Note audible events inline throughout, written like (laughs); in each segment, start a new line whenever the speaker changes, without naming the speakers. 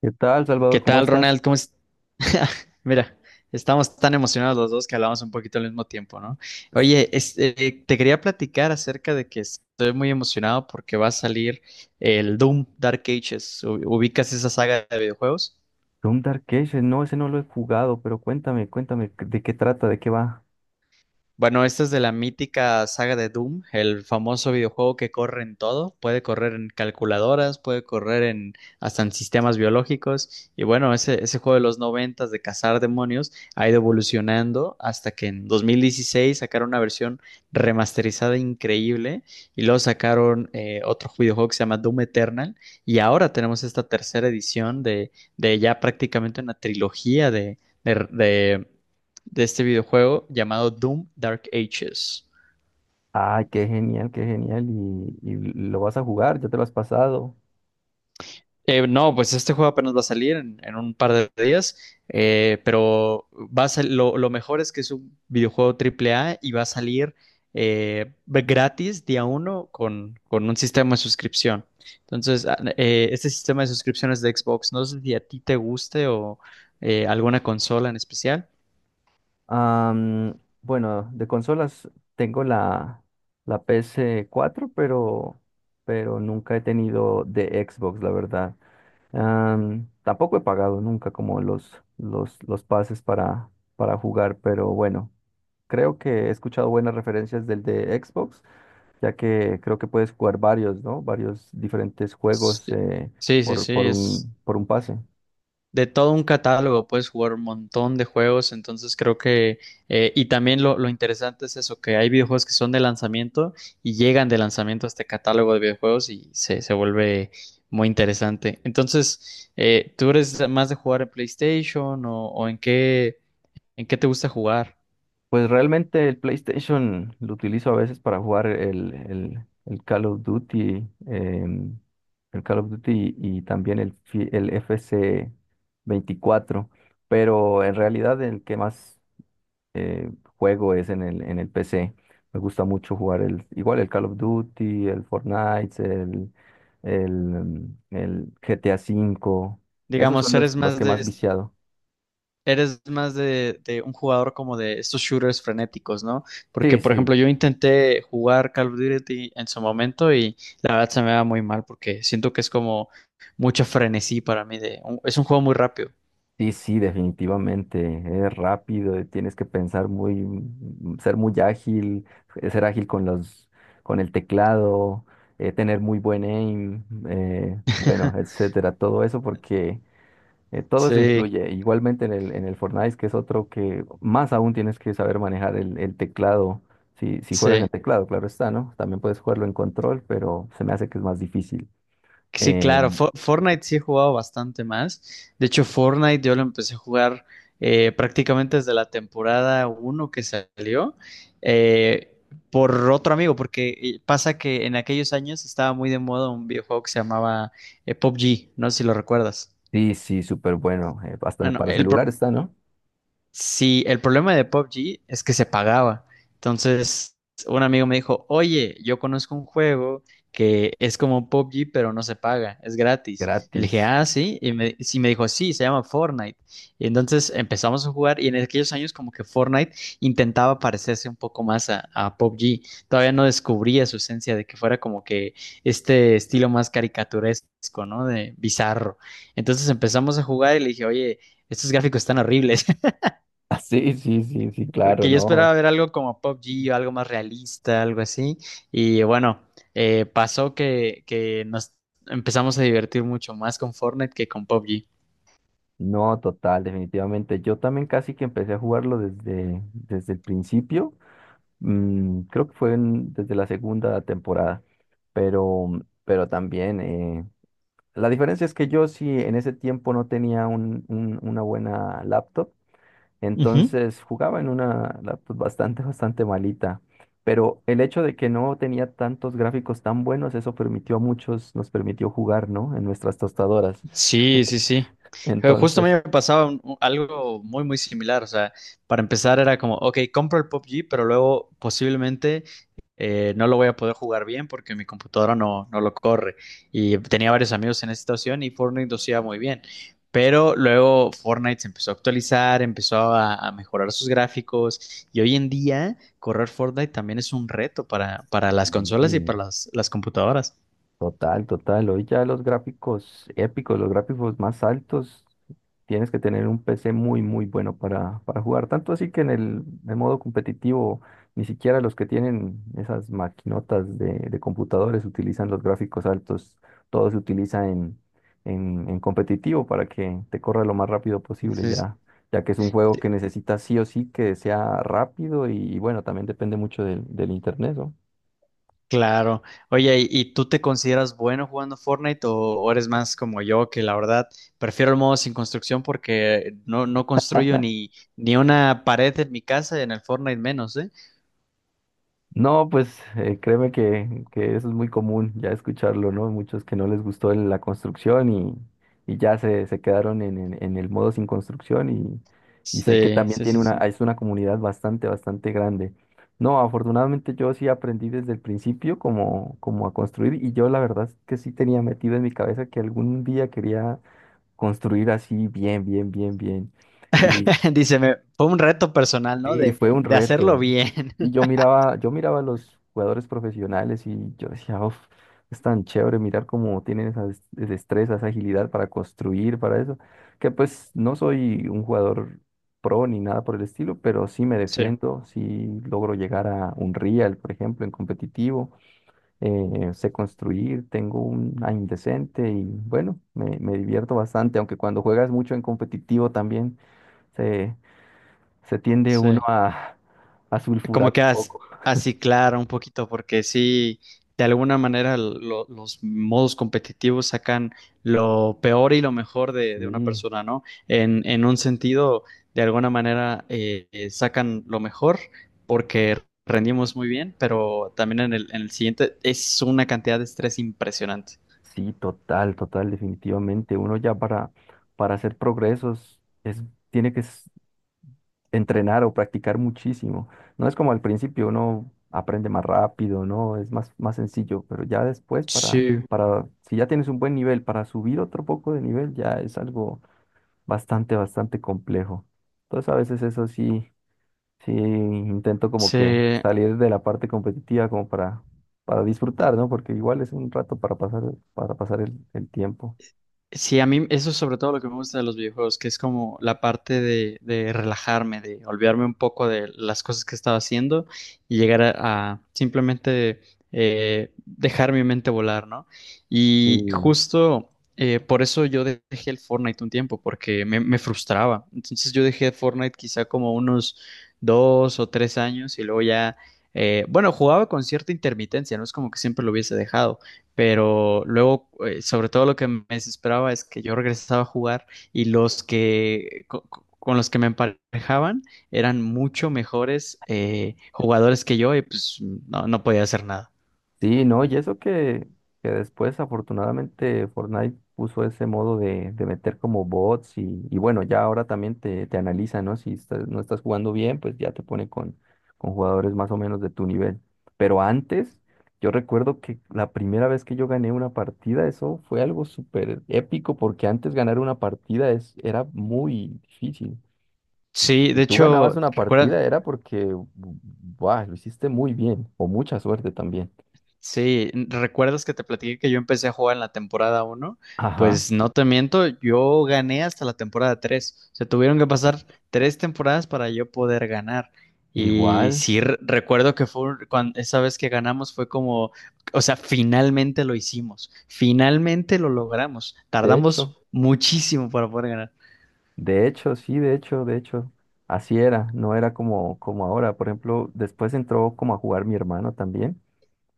¿Qué tal,
¿Qué
Salvador? ¿Cómo
tal,
estás?
Ronald? ¿Cómo es? (laughs) Mira, estamos tan emocionados los dos que hablamos un poquito al mismo tiempo, ¿no? Oye, te quería platicar acerca de que estoy muy emocionado porque va a salir el Doom Dark Ages. ¿Ubicas esa saga de videojuegos?
Doom Dark Ages, no, ese no lo he jugado, pero cuéntame, cuéntame, ¿de qué trata? ¿De qué va?
Bueno, esta es de la mítica saga de Doom, el famoso videojuego que corre en todo, puede correr en calculadoras, puede correr en hasta en sistemas biológicos. Y bueno, ese juego de los noventas de cazar demonios ha ido evolucionando hasta que en 2016 sacaron una versión remasterizada increíble, y luego sacaron otro videojuego que se llama Doom Eternal, y ahora tenemos esta tercera edición de ya prácticamente una trilogía de este videojuego llamado Doom Dark Ages.
Ay, qué genial, y lo vas a jugar, ya te lo has pasado.
No, pues este juego apenas va a salir en un par de días, pero lo mejor es que es un videojuego triple A, y va a salir gratis día uno con un sistema de suscripción. Entonces, este sistema de suscripciones de Xbox, no sé si a ti te guste o alguna consola en especial.
Bueno, de consolas tengo la PS4, pero nunca he tenido de Xbox, la verdad. Tampoco he pagado nunca como los pases para jugar, pero bueno, creo que he escuchado buenas referencias del de Xbox. Ya que creo que puedes jugar varios, ¿no? Varios diferentes juegos,
Sí, sí, sí, sí, es
por un pase.
de todo un catálogo, puedes jugar un montón de juegos, entonces creo que, y también lo interesante es eso, que hay videojuegos que son de lanzamiento y llegan de lanzamiento a este catálogo de videojuegos y se vuelve muy interesante. Entonces, ¿tú eres más de jugar en PlayStation o en qué te gusta jugar?
Pues realmente el PlayStation lo utilizo a veces para jugar el Call of Duty, el Call of Duty y también el FC 24, pero en realidad el que más eh, juego es en el PC. Me gusta mucho jugar el, igual el Call of Duty, el Fortnite, el GTA V. Esos
Digamos,
son los que más viciado.
¿eres más de un jugador como de estos shooters frenéticos, ¿no? Porque,
Sí,
por
sí,
ejemplo, yo intenté jugar Call of Duty en su momento y la verdad se me va muy mal porque siento que es como mucho frenesí para mí de, es un juego muy rápido.
sí, sí, definitivamente. Es rápido, tienes que pensar muy, ser muy ágil, ser ágil con con el teclado, tener muy buen aim, bueno,
(laughs)
etcétera. Todo eso porque todo eso
Sí,
influye. Igualmente en el Fortnite, que es otro que más aún tienes que saber manejar el teclado. Si juegas
sí.
en teclado, claro está, ¿no? También puedes jugarlo en control, pero se me hace que es más difícil.
Sí,
Eh,
claro, Fortnite sí he jugado bastante más. De hecho, Fortnite yo lo empecé a jugar prácticamente desde la temporada uno que salió eh, por otro amigo, porque pasa que en aquellos años estaba muy de moda un videojuego que se llamaba PUBG, no sé si lo recuerdas.
sí, sí, súper bueno. Hasta
Bueno,
para
el,
celular
pro-
está, ¿no?
Sí, el problema de PUBG es que se pagaba. Entonces, un amigo me dijo, oye, yo conozco un juego que es como PUBG, pero no se paga, es gratis. Y le
Gratis.
dije,
(laughs)
ah, sí. Y me, sí, me dijo, sí, se llama Fortnite. Y entonces empezamos a jugar, y en aquellos años como que Fortnite intentaba parecerse un poco más a PUBG. Todavía no descubría su esencia de que fuera como que este estilo más caricaturesco, ¿no? De bizarro. Entonces empezamos a jugar y le dije, oye, estos gráficos están horribles.
Ah, sí, sí, sí, sí, claro,
Porque yo
no.
esperaba ver algo como Pop G o algo más realista, algo así. Y bueno, pasó que nos empezamos a divertir mucho más con Fortnite que con Pop G.
No, total, definitivamente. Yo también casi que empecé a jugarlo desde el principio. Creo que fue desde la segunda temporada. Pero pero, también, la diferencia es que yo sí en ese tiempo no tenía una buena laptop,
Ujú.
entonces jugaba en una laptop bastante, (laughs) bastante malita. Pero el hecho de que no tenía tantos gráficos tan buenos, eso nos permitió jugar, ¿no? En nuestras tostadoras.
Sí, sí, sí. Justo a mí
Entonces,
me pasaba algo muy, muy similar. O sea, para empezar era como, ok, compro el P U B G, pero luego posiblemente no lo voy a poder jugar bien porque mi computadora no, no lo corre. Y tenía varios amigos en esa situación, y Fortnite lo hacía muy bien. Pero luego Fortnite se empezó a actualizar, empezó a mejorar sus gráficos, y hoy en día correr Fortnite también es un reto para las
mm,
consolas y para
sí,
las computadoras.
total, total. Hoy ya los gráficos épicos, los gráficos más altos, tienes que tener un PC muy, muy bueno para jugar. Tanto así que en modo competitivo, ni siquiera los que tienen esas maquinotas de computadores utilizan los gráficos altos. Todo se utiliza en competitivo para que te corra lo más rápido posible
Sí,
ya, ya que es un juego que necesita sí o sí que sea rápido y, bueno, también depende mucho del internet, ¿no?
claro. Oye, ¿y tú te consideras bueno jugando Fortnite, o eres más como yo, que la verdad prefiero el modo sin construcción porque no, no construyo ni, ni una pared en mi casa, y en el Fortnite menos, ¿eh?
No, pues créeme que eso es muy común ya escucharlo, ¿no? Muchos que no les gustó la construcción y ya se quedaron en el modo sin construcción, y sé que
Sí,
también
sí,
tiene
sí, sí.
es una comunidad bastante, bastante grande. No, afortunadamente yo sí aprendí desde el principio como a construir y yo la verdad es que sí tenía metido en mi cabeza que algún día quería construir así bien, bien, bien, bien.
(laughs) Dice, me, fue un reto personal, ¿no?
Sí, fue un
De hacerlo
reto.
bien.
Y yo
(laughs)
miraba, yo miraba a los jugadores profesionales y yo decía, uff, es tan chévere mirar cómo tienen esa destreza, esa agilidad para construir, para eso. Que pues no soy un jugador pro ni nada por el estilo, pero sí me
Sí,
defiendo, sí logro llegar a un real, por ejemplo, en competitivo. Sé construir, tengo un aim decente y bueno, me divierto bastante, aunque cuando juegas mucho en competitivo también se tiende uno
sí.
a sulfurar
Como que
un poco.
aciclar un poquito, porque sí, de alguna manera los modos competitivos sacan lo peor y lo mejor de una
Sí,
persona, ¿no? En un sentido, de alguna manera sacan lo mejor porque rendimos muy bien, pero también en el siguiente es una cantidad de estrés impresionante.
sí, total, total, definitivamente. Uno ya para hacer progresos tiene que entrenar o practicar muchísimo. No es como al principio, uno aprende más rápido, ¿no? Es más, más sencillo, pero ya después
Sí,
si ya tienes un buen nivel, para subir otro poco de nivel ya es algo bastante, bastante complejo. Entonces a veces eso sí. Sí, intento como que
sí.
salir de la parte competitiva como para disfrutar, ¿no? Porque igual es un rato para pasar el tiempo.
Sí, a mí eso es sobre todo lo que me gusta de los videojuegos, que es como la parte de relajarme, de olvidarme un poco de las cosas que estaba haciendo y llegar a simplemente dejar mi mente volar, ¿no?
Sí.
Y justo por eso yo dejé el Fortnite un tiempo, porque me frustraba. Entonces yo dejé Fortnite quizá como unos dos o tres años, y luego ya, bueno, jugaba con cierta intermitencia, no es como que siempre lo hubiese dejado, pero luego, sobre todo lo que me desesperaba es que yo regresaba a jugar y los que los que me emparejaban eran mucho mejores jugadores que yo, y pues no, no podía hacer nada.
Sí, no, y eso que después afortunadamente Fortnite puso ese modo de meter como bots y bueno, ya ahora también te analiza, ¿no? Si no estás jugando bien, pues ya te pone con jugadores más o menos de tu nivel. Pero antes, yo recuerdo que la primera vez que yo gané una partida, eso fue algo súper épico porque antes ganar una partida era muy difícil.
Sí,
Si
de
tú ganabas
hecho,
una
recuerda
partida era porque, buah, lo hiciste muy bien o mucha suerte también.
Sí, ¿recuerdas que te platiqué que yo empecé a jugar en la temporada uno?
Ajá.
Pues no te miento, yo gané hasta la temporada 3. Se tuvieron que pasar tres temporadas para yo poder ganar. Y
Igual,
sí, recuerdo que fue esa vez que ganamos fue como, o sea, finalmente lo hicimos, finalmente lo logramos.
de hecho,
Tardamos muchísimo para poder ganar.
sí, de hecho, así era, no era como ahora. Por ejemplo, después entró como a jugar mi hermano también,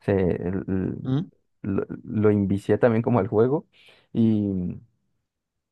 se, el-
¿Mm?
lo invicié también como al juego y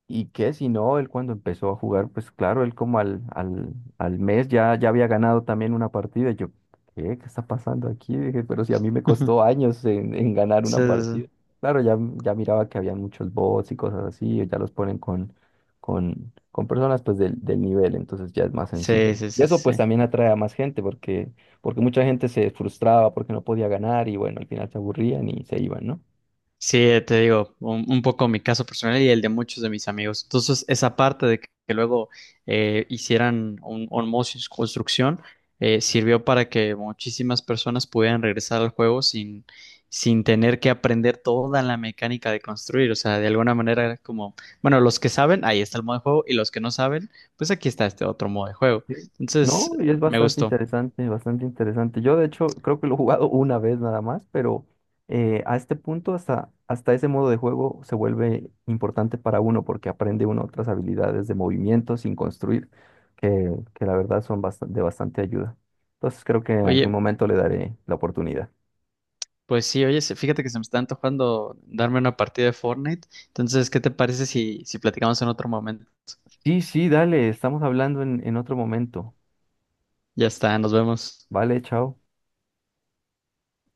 Y que si no, él cuando empezó a jugar, pues claro, él como al mes ya había ganado también una partida. Y yo, ¿qué? ¿Qué está pasando aquí? Dije, pero si a mí me costó
(laughs)
años en ganar
Sí,
una
sí,
partida. Claro, ya miraba que había muchos bots y cosas así, y ya los ponen con personas pues del nivel, entonces ya es más sencillo.
sí, sí,
Y
sí, sí,
eso pues
sí.
también atrae a más gente, porque mucha gente se frustraba porque no podía ganar y bueno, al final se aburrían y se iban, ¿no?
Sí, te digo, un poco mi caso personal y el de muchos de mis amigos. Entonces, esa parte de que luego hicieran un osmosis construcción sirvió para que muchísimas personas pudieran regresar al juego sin, sin tener que aprender toda la mecánica de construir. O sea, de alguna manera era como, bueno, los que saben, ahí está el modo de juego, y los que no saben, pues aquí está este otro modo de juego.
Sí.
Entonces,
No, y es
me
bastante
gustó.
interesante, bastante interesante. Yo, de hecho, creo que lo he jugado una vez nada más, pero a este punto, hasta ese modo de juego se vuelve importante para uno porque aprende uno otras habilidades de movimiento sin construir, que la verdad son de bastante ayuda. Entonces, creo que en algún
Oye,
momento le daré la oportunidad.
pues sí, oye, fíjate que se me está antojando darme una partida de Fortnite. Entonces, ¿qué te parece si, si platicamos en otro momento?
Sí, sí, dale, estamos hablando en otro momento.
Ya está, nos vemos.
Vale, chao.